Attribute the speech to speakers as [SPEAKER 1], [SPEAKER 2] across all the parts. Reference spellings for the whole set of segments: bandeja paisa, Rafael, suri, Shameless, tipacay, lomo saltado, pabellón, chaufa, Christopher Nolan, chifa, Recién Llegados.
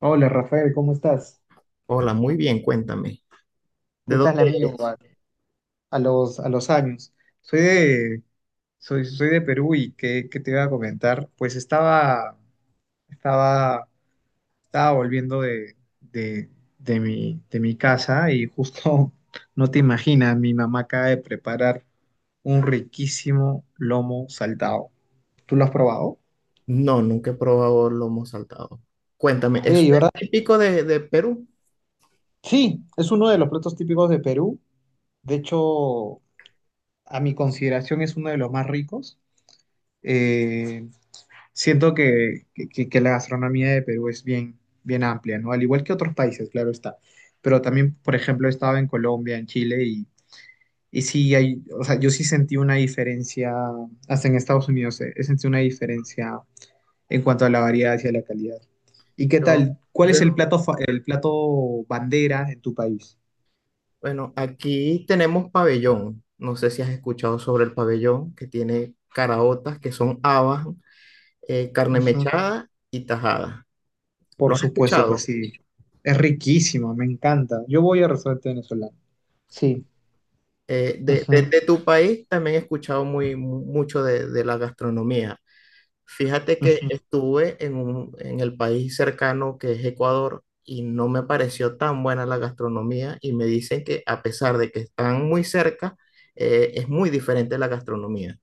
[SPEAKER 1] Hola Rafael, ¿cómo estás?
[SPEAKER 2] Hola, muy bien, cuéntame. ¿De
[SPEAKER 1] ¿Qué
[SPEAKER 2] dónde
[SPEAKER 1] tal amigo?
[SPEAKER 2] eres?
[SPEAKER 1] A los años. Soy de, soy, de Perú. Y Qué te iba a comentar? Pues estaba, estaba, estaba volviendo de mi casa y justo, no te imaginas, mi mamá acaba de preparar un riquísimo lomo saltado. ¿Tú lo has probado?
[SPEAKER 2] No, nunca he probado lomo saltado. Cuéntame,
[SPEAKER 1] Oye,
[SPEAKER 2] ¿eso
[SPEAKER 1] ¿y
[SPEAKER 2] es
[SPEAKER 1] verdad?
[SPEAKER 2] típico de Perú?
[SPEAKER 1] Sí, es uno de los platos típicos de Perú. De hecho, a mi consideración es uno de los más ricos. Eh, Siento que la gastronomía de Perú es bien, bien amplia, ¿no? Al igual que otros países, claro está. Pero también, por ejemplo, he estado en Colombia, en Chile, y sí hay, o sea, yo sí sentí una diferencia, hasta en Estados Unidos, he sentido una diferencia en cuanto a la variedad y a la calidad. ¿Y qué
[SPEAKER 2] Yo,
[SPEAKER 1] tal? ¿Cuál es
[SPEAKER 2] yo,
[SPEAKER 1] el plato, el plato bandera en tu país?
[SPEAKER 2] bueno, aquí tenemos pabellón. No sé si has escuchado sobre el pabellón, que tiene caraotas, que son habas, carne
[SPEAKER 1] Ujú.
[SPEAKER 2] mechada y tajada. ¿Lo
[SPEAKER 1] Por
[SPEAKER 2] has
[SPEAKER 1] supuesto que
[SPEAKER 2] escuchado?
[SPEAKER 1] sí. Es riquísimo, me encanta. Yo voy a restaurante venezolano. Sí.
[SPEAKER 2] Eh, de, de-
[SPEAKER 1] Ujú.
[SPEAKER 2] de tu país también he escuchado mucho de la gastronomía. Fíjate que estuve en en el país cercano que es Ecuador y no me pareció tan buena la gastronomía y me dicen que a pesar de que están muy cerca, es muy diferente la gastronomía.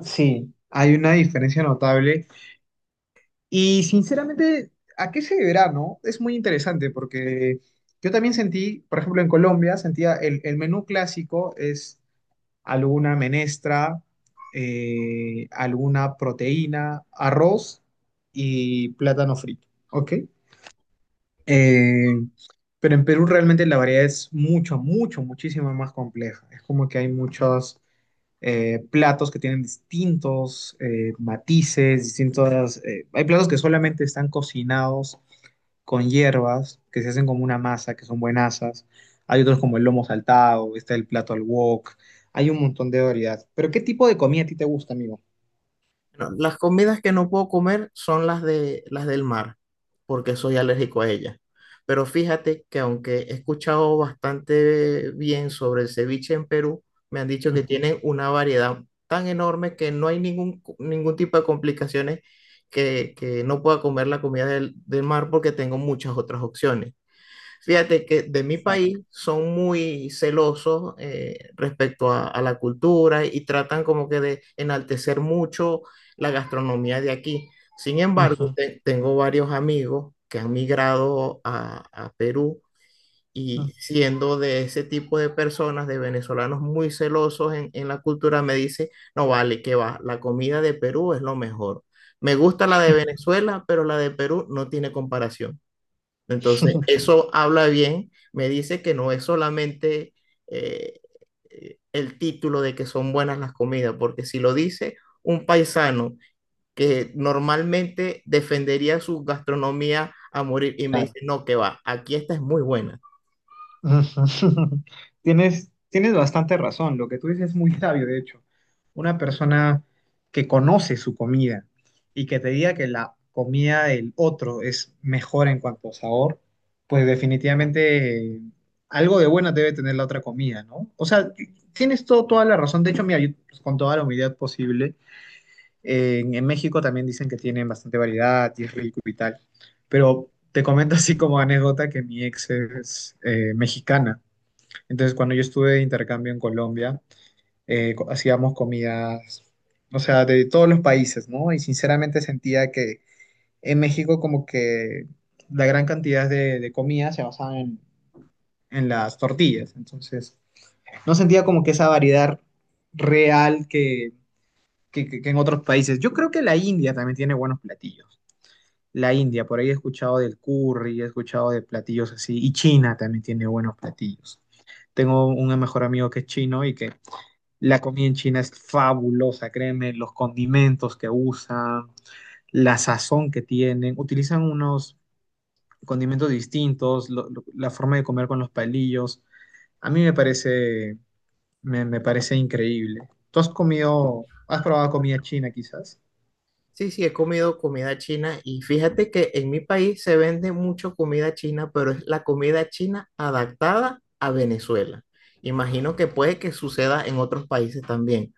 [SPEAKER 1] Sí, hay una diferencia notable. Y sinceramente, ¿a qué se deberá, no? Es muy interesante porque yo también sentí, por ejemplo, en Colombia, sentía el menú clásico es alguna menestra, alguna proteína, arroz y plátano frito, ¿ok? Eh, pero en Perú realmente la variedad es mucho, mucho, muchísimo más compleja. Es como que hay muchos platos que tienen distintos matices, distintos... Hay platos que solamente están cocinados con hierbas, que se hacen como una masa, que son buenasas. Hay otros como el lomo saltado, está el plato al wok. Hay un montón de variedad. Pero ¿qué tipo de comida a ti te gusta, amigo?
[SPEAKER 2] No, las comidas que no puedo comer son las del mar, porque soy alérgico a ellas. Pero fíjate que aunque he escuchado bastante bien sobre el ceviche en Perú, me han dicho que
[SPEAKER 1] Ujú.
[SPEAKER 2] tienen una variedad tan enorme que no hay ningún tipo de complicaciones que no pueda comer la comida del mar porque tengo muchas otras opciones. Fíjate que de mi
[SPEAKER 1] Exacto.
[SPEAKER 2] país son muy celosos respecto a la cultura y tratan como que de enaltecer mucho la gastronomía de aquí. Sin embargo,
[SPEAKER 1] Ujú,
[SPEAKER 2] tengo varios amigos que han migrado a Perú
[SPEAKER 1] ujú.
[SPEAKER 2] y siendo de ese tipo de personas, de venezolanos muy celosos en la cultura, me dice, no vale, que va, la comida de Perú es lo mejor. Me gusta la de Venezuela, pero la de Perú no tiene comparación. Entonces, eso habla bien, me dice que no es solamente eh, el título de que son buenas las comidas, porque si lo dice un paisano que normalmente defendería su gastronomía a morir y me
[SPEAKER 1] Claro.
[SPEAKER 2] dice, no, que va, aquí esta es muy buena.
[SPEAKER 1] Ujú. Tienes, tienes bastante razón, lo que tú dices es muy sabio, de hecho. Una persona que conoce su comida y que te diga que la comida del otro es mejor en cuanto a sabor, pues definitivamente algo de bueno debe tener la otra comida, ¿no? O sea, tienes todo, toda la razón. De hecho, mira, yo, pues, con toda la humildad posible, en México también dicen que tienen bastante variedad y es rico y tal. Pero te comento así como anécdota que mi ex es mexicana. Entonces, cuando yo estuve de intercambio en Colombia, hacíamos comidas, o sea, de todos los países, ¿no? Y sinceramente sentía que en México como que la gran cantidad de comidas se basaban en las tortillas. Entonces, no sentía como que esa variedad real que en otros países. Yo creo que la India también tiene buenos platillos. La India, por ahí he escuchado del curry, he escuchado de platillos así, y China también tiene buenos platillos. Tengo un mejor amigo que es chino y que la comida en China es fabulosa, créeme, los condimentos que usan, la sazón que tienen, utilizan unos condimentos distintos, la forma de comer con los palillos. A mí me parece, me parece increíble. ¿Tú has comido, has probado comida china quizás?
[SPEAKER 2] Sí, sí, he comido comida china y fíjate que en mi país se vende mucho comida china, pero es la comida china adaptada a Venezuela. Imagino que puede que suceda en otros países también.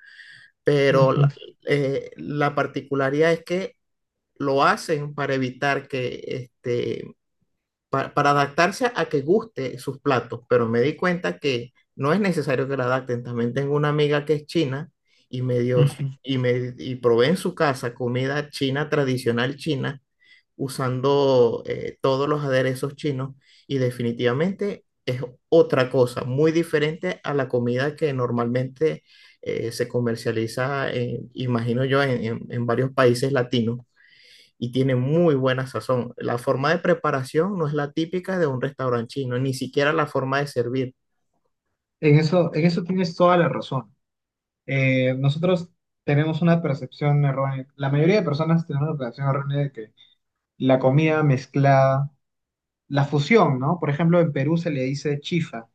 [SPEAKER 2] Pero
[SPEAKER 1] Ujú,
[SPEAKER 2] la particularidad es que lo hacen para evitar que, este, para adaptarse a que guste sus platos, pero me di cuenta que no es necesario que la adapten. También tengo una amiga que es china y me dio,
[SPEAKER 1] ujú.
[SPEAKER 2] y y probé en su casa comida china tradicional china usando todos los aderezos chinos y definitivamente es otra cosa, muy diferente a la comida que normalmente se comercializa, imagino yo, en, en varios países latinos y tiene muy buena sazón. La forma de preparación no es la típica de un restaurante chino, ni siquiera la forma de servir.
[SPEAKER 1] En eso tienes toda la razón. Nosotros tenemos una percepción errónea, la mayoría de personas tenemos una percepción errónea de que la comida mezclada la fusión, ¿no? Por ejemplo, en Perú se le dice chifa,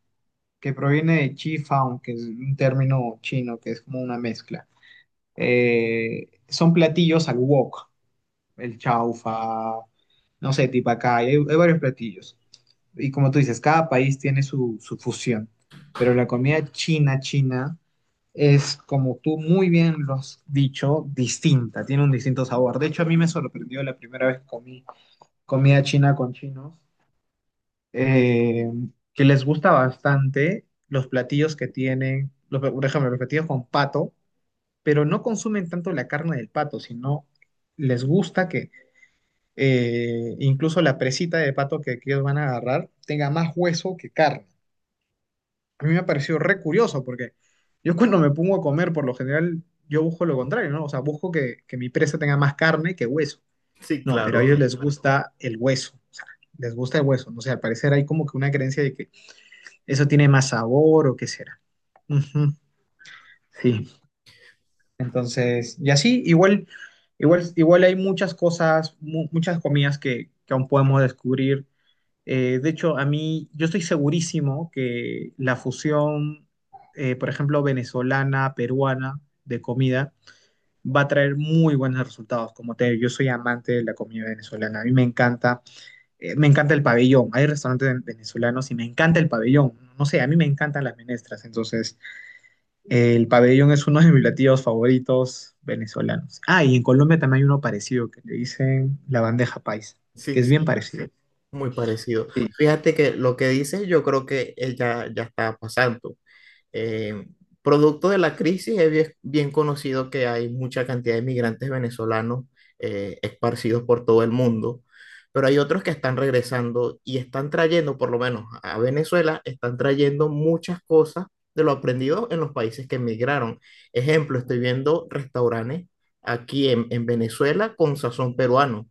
[SPEAKER 1] que proviene de chifa, aunque es un término chino que es como una mezcla. Son platillos al wok, el chaufa, no sé, tipacay, hay varios platillos. Y como tú dices, cada país tiene su, su fusión, pero la comida china, china, es como tú muy bien lo has dicho, distinta, tiene un distinto sabor. De hecho, a mí me sorprendió la primera vez que comí comida china con chinos eh, que les gusta bastante los platillos que tienen, por ejemplo, los platillos con pato, pero no consumen tanto la carne del pato, sino les gusta que incluso la presita de pato que ellos van a agarrar tenga más hueso que carne. A mí me ha parecido re curioso porque yo cuando me pongo a comer, por lo general, yo busco lo contrario, ¿no? O sea, busco que mi presa tenga más carne que hueso.
[SPEAKER 2] Sí,
[SPEAKER 1] No, pero a ellos
[SPEAKER 2] claro,
[SPEAKER 1] les gusta el hueso, o sea, les gusta el hueso. No sé, al parecer hay como que una creencia de que eso tiene más sabor o qué será. Ujú, sí, entonces, y así, igual, igual, igual hay muchas cosas, muchas comidas que aún podemos descubrir. De hecho, a mí, yo estoy segurísimo que la fusión, por ejemplo, venezolana, peruana de comida, va a traer muy buenos resultados. Como te digo, yo soy amante de la comida venezolana, a mí me encanta el pabellón. Hay restaurantes venezolanos y me encanta el pabellón. No sé, a mí me encantan las menestras, entonces... El pabellón es uno de mis platillos favoritos venezolanos. Ah, y en Colombia también hay uno parecido que le dicen la bandeja paisa, que
[SPEAKER 2] sí,
[SPEAKER 1] es bien
[SPEAKER 2] sí,
[SPEAKER 1] parecido.
[SPEAKER 2] muy parecido.
[SPEAKER 1] Sí.
[SPEAKER 2] Fíjate que lo que dices yo creo que ya está pasando. Eh, producto de la crisis, es bien conocido que hay mucha cantidad de migrantes venezolanos esparcidos por todo el mundo, pero hay otros que están regresando y están trayendo, por lo menos a Venezuela, están trayendo muchas cosas de lo aprendido en los países que emigraron. Ejemplo, estoy viendo restaurantes aquí en Venezuela con sazón peruano.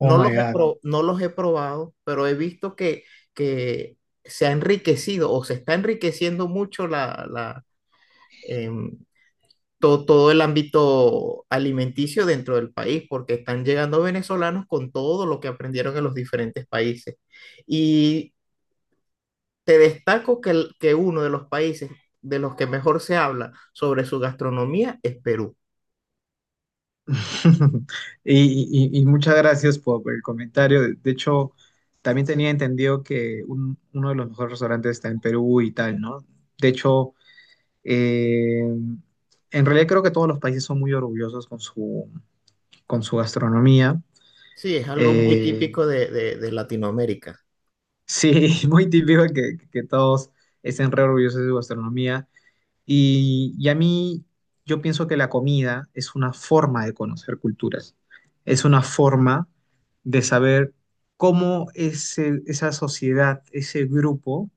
[SPEAKER 1] Oh
[SPEAKER 2] los
[SPEAKER 1] my God.
[SPEAKER 2] No los he probado, pero he visto que se ha enriquecido o se está enriqueciendo mucho em, todo el ámbito alimenticio dentro del país, porque están llegando venezolanos con todo lo que aprendieron en los diferentes países. Y te destaco que uno de los países de los que mejor se habla sobre su gastronomía es Perú.
[SPEAKER 1] Y, y muchas gracias por el comentario. De hecho, también tenía entendido que uno de los mejores restaurantes está en Perú y tal, ¿no? De hecho, eh, en realidad creo que todos los países son muy orgullosos con su gastronomía.
[SPEAKER 2] Sí, es algo muy
[SPEAKER 1] Eh,
[SPEAKER 2] típico de Latinoamérica,
[SPEAKER 1] Sí, muy típico que todos estén re orgullosos de su gastronomía. Y a mí, yo pienso que la comida es una forma de conocer culturas, es una forma de saber cómo esa sociedad, ese grupo,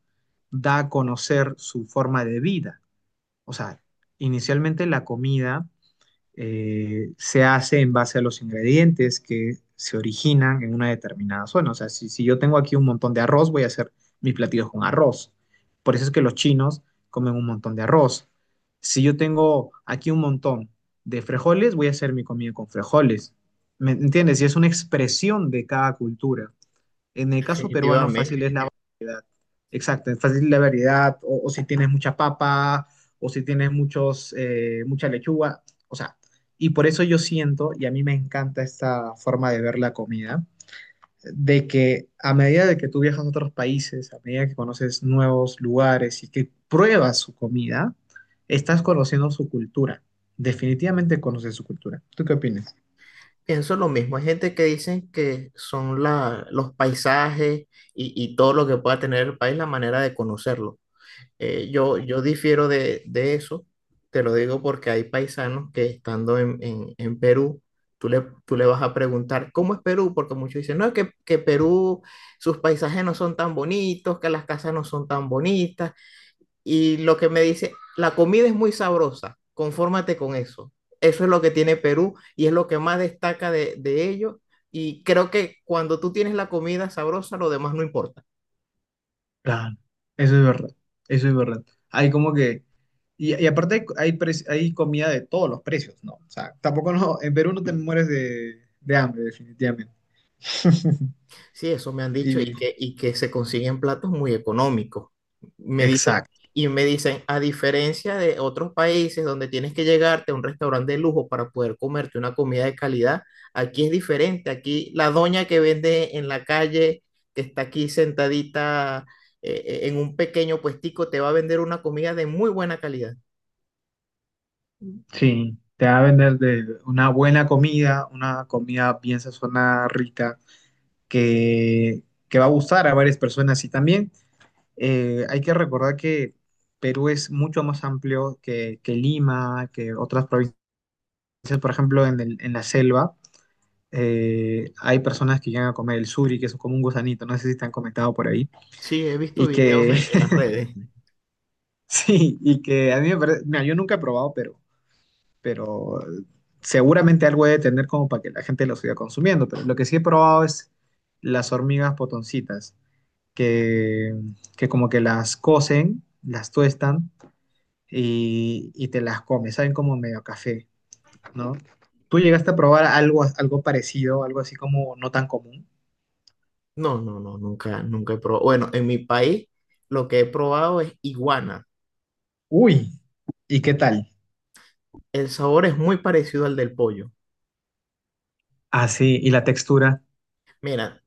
[SPEAKER 1] da a conocer su forma de vida. O sea, inicialmente la comida se hace en base a los ingredientes que se originan en una determinada zona. O sea, si, si yo tengo aquí un montón de arroz, voy a hacer mis platillos con arroz. Por eso es que los chinos comen un montón de arroz. Si yo tengo aquí un montón de frijoles, voy a hacer mi comida con frijoles. ¿Me entiendes? Y es una expresión de cada cultura. En el caso peruano, fácil
[SPEAKER 2] definitivamente.
[SPEAKER 1] es la exacto, es fácil la variedad, o si tienes mucha papa, o si tienes muchos, mucha lechuga, o sea, y por eso yo siento, y a mí me encanta esta forma de ver la comida, de que a medida de que tú viajas a otros países, a medida que conoces nuevos lugares y que pruebas su comida, estás conociendo su cultura, definitivamente conoces su cultura. ¿Tú qué opinas?
[SPEAKER 2] Pienso lo mismo, hay gente que dicen que son los paisajes y todo lo que pueda tener el país la manera de conocerlo. Yo difiero de eso, te lo digo porque hay paisanos que estando en, en Perú, tú le vas a preguntar, ¿cómo es Perú? Porque muchos dicen, no, que Perú, sus paisajes no son tan bonitos, que las casas no son tan bonitas, y lo que me dice, la comida es muy sabrosa, confórmate con eso. Eso es lo que tiene Perú y es lo que más destaca de ello. Y creo que cuando tú tienes la comida sabrosa, lo demás no importa.
[SPEAKER 1] Claro, eso es verdad, eso es verdad. Hay como que, y aparte hay, hay comida de todos los precios, ¿no? O sea, tampoco no, en Perú no te mueres de hambre, definitivamente.
[SPEAKER 2] Sí, eso me han dicho
[SPEAKER 1] Y,
[SPEAKER 2] y que se consiguen platos muy económicos. Me dicen,
[SPEAKER 1] exacto,
[SPEAKER 2] Me dicen, a diferencia de otros países donde tienes que llegarte a un restaurante de lujo para poder comerte una comida de calidad, aquí es diferente. Aquí la doña que vende en la calle, que está aquí sentadita en un pequeño puestico, te va a vender una comida de muy buena calidad.
[SPEAKER 1] sí, te va a vender de una buena comida, una comida bien sazonada, rica, que, que va a gustar a varias personas. Y también hay que recordar que Perú es mucho más amplio que Lima, que otras provincias, por ejemplo, en la selva hay personas que llegan a comer el suri, que es como un gusanito, no sé si te han comentado por ahí,
[SPEAKER 2] Sí, he visto
[SPEAKER 1] y
[SPEAKER 2] videos
[SPEAKER 1] que
[SPEAKER 2] en las redes.
[SPEAKER 1] sí, y que a mí me parece, mira, yo nunca he probado, pero seguramente algo debe tener como para que la gente lo siga consumiendo, pero lo que sí he probado es las hormigas potoncitas, que, que como que las cocen, las tuestan y te las comes, saben como medio a café, ¿no? ¿Tú llegaste a probar algo, algo parecido, algo así como no tan común?
[SPEAKER 2] Nunca he probado. Bueno, en mi país lo que he probado es iguana.
[SPEAKER 1] Uy, ¿y qué tal?
[SPEAKER 2] El sabor es muy parecido al del pollo.
[SPEAKER 1] Ah, sí, y la textura.
[SPEAKER 2] Mira,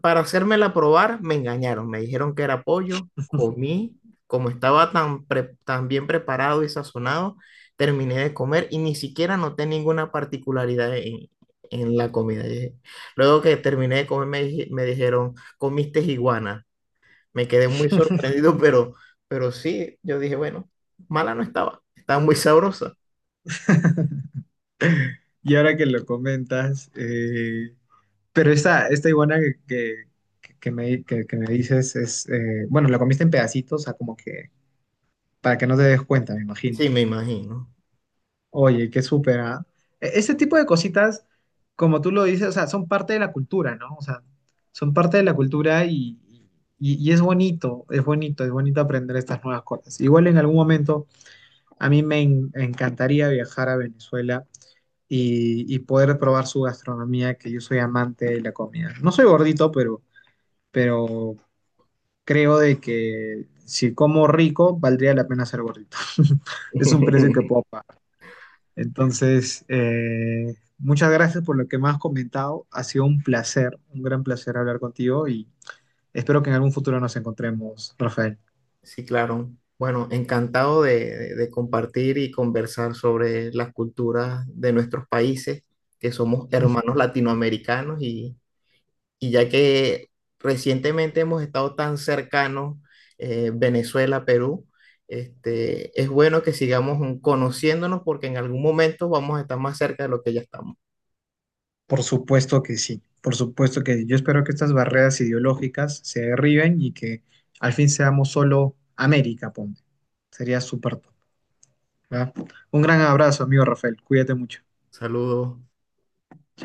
[SPEAKER 2] para hacérmela probar, me engañaron. Me dijeron que era pollo. Comí, como estaba tan bien preparado y sazonado, terminé de comer y ni siquiera noté ninguna particularidad en la comida. Y luego que terminé de comer, me dijeron, comiste iguana. Me quedé muy sorprendido, pero sí, yo dije, bueno, mala no estaba. Estaba muy sabrosa.
[SPEAKER 1] Y ahora que lo comentas, pero esta iguana que me dices es, bueno, la comiste en pedacitos, o sea, como que para que no te des cuenta, me imagino.
[SPEAKER 2] Sí, me imagino.
[SPEAKER 1] Oye, qué súper, ¿ah? Ese tipo de cositas, como tú lo dices, o sea, son parte de la cultura, ¿no? O sea, son parte de la cultura y es bonito, es bonito, es bonito aprender estas nuevas cosas. Igual en algún momento, a mí me encantaría viajar a Venezuela y poder probar su gastronomía, que yo soy amante de la comida. No soy gordito, pero creo de que si como rico, valdría la pena ser gordito. Es un precio que puedo pagar. Entonces, muchas gracias por lo que me has comentado. Ha sido un placer, un gran placer hablar contigo y espero que en algún futuro nos encontremos, Rafael.
[SPEAKER 2] Sí, claro. Bueno, encantado de compartir y conversar sobre las culturas de nuestros países, que somos hermanos latinoamericanos y ya que recientemente hemos estado tan cercanos, Venezuela, Perú, este, es bueno que sigamos conociéndonos porque en algún momento vamos a estar más cerca de lo que ya estamos.
[SPEAKER 1] Por supuesto que sí, por supuesto que sí. Yo espero que estas barreras ideológicas se derriben y que al fin seamos solo América, ponte. Sería súper top, ¿verdad? Un gran abrazo, amigo Rafael. Cuídate mucho.
[SPEAKER 2] Saludos.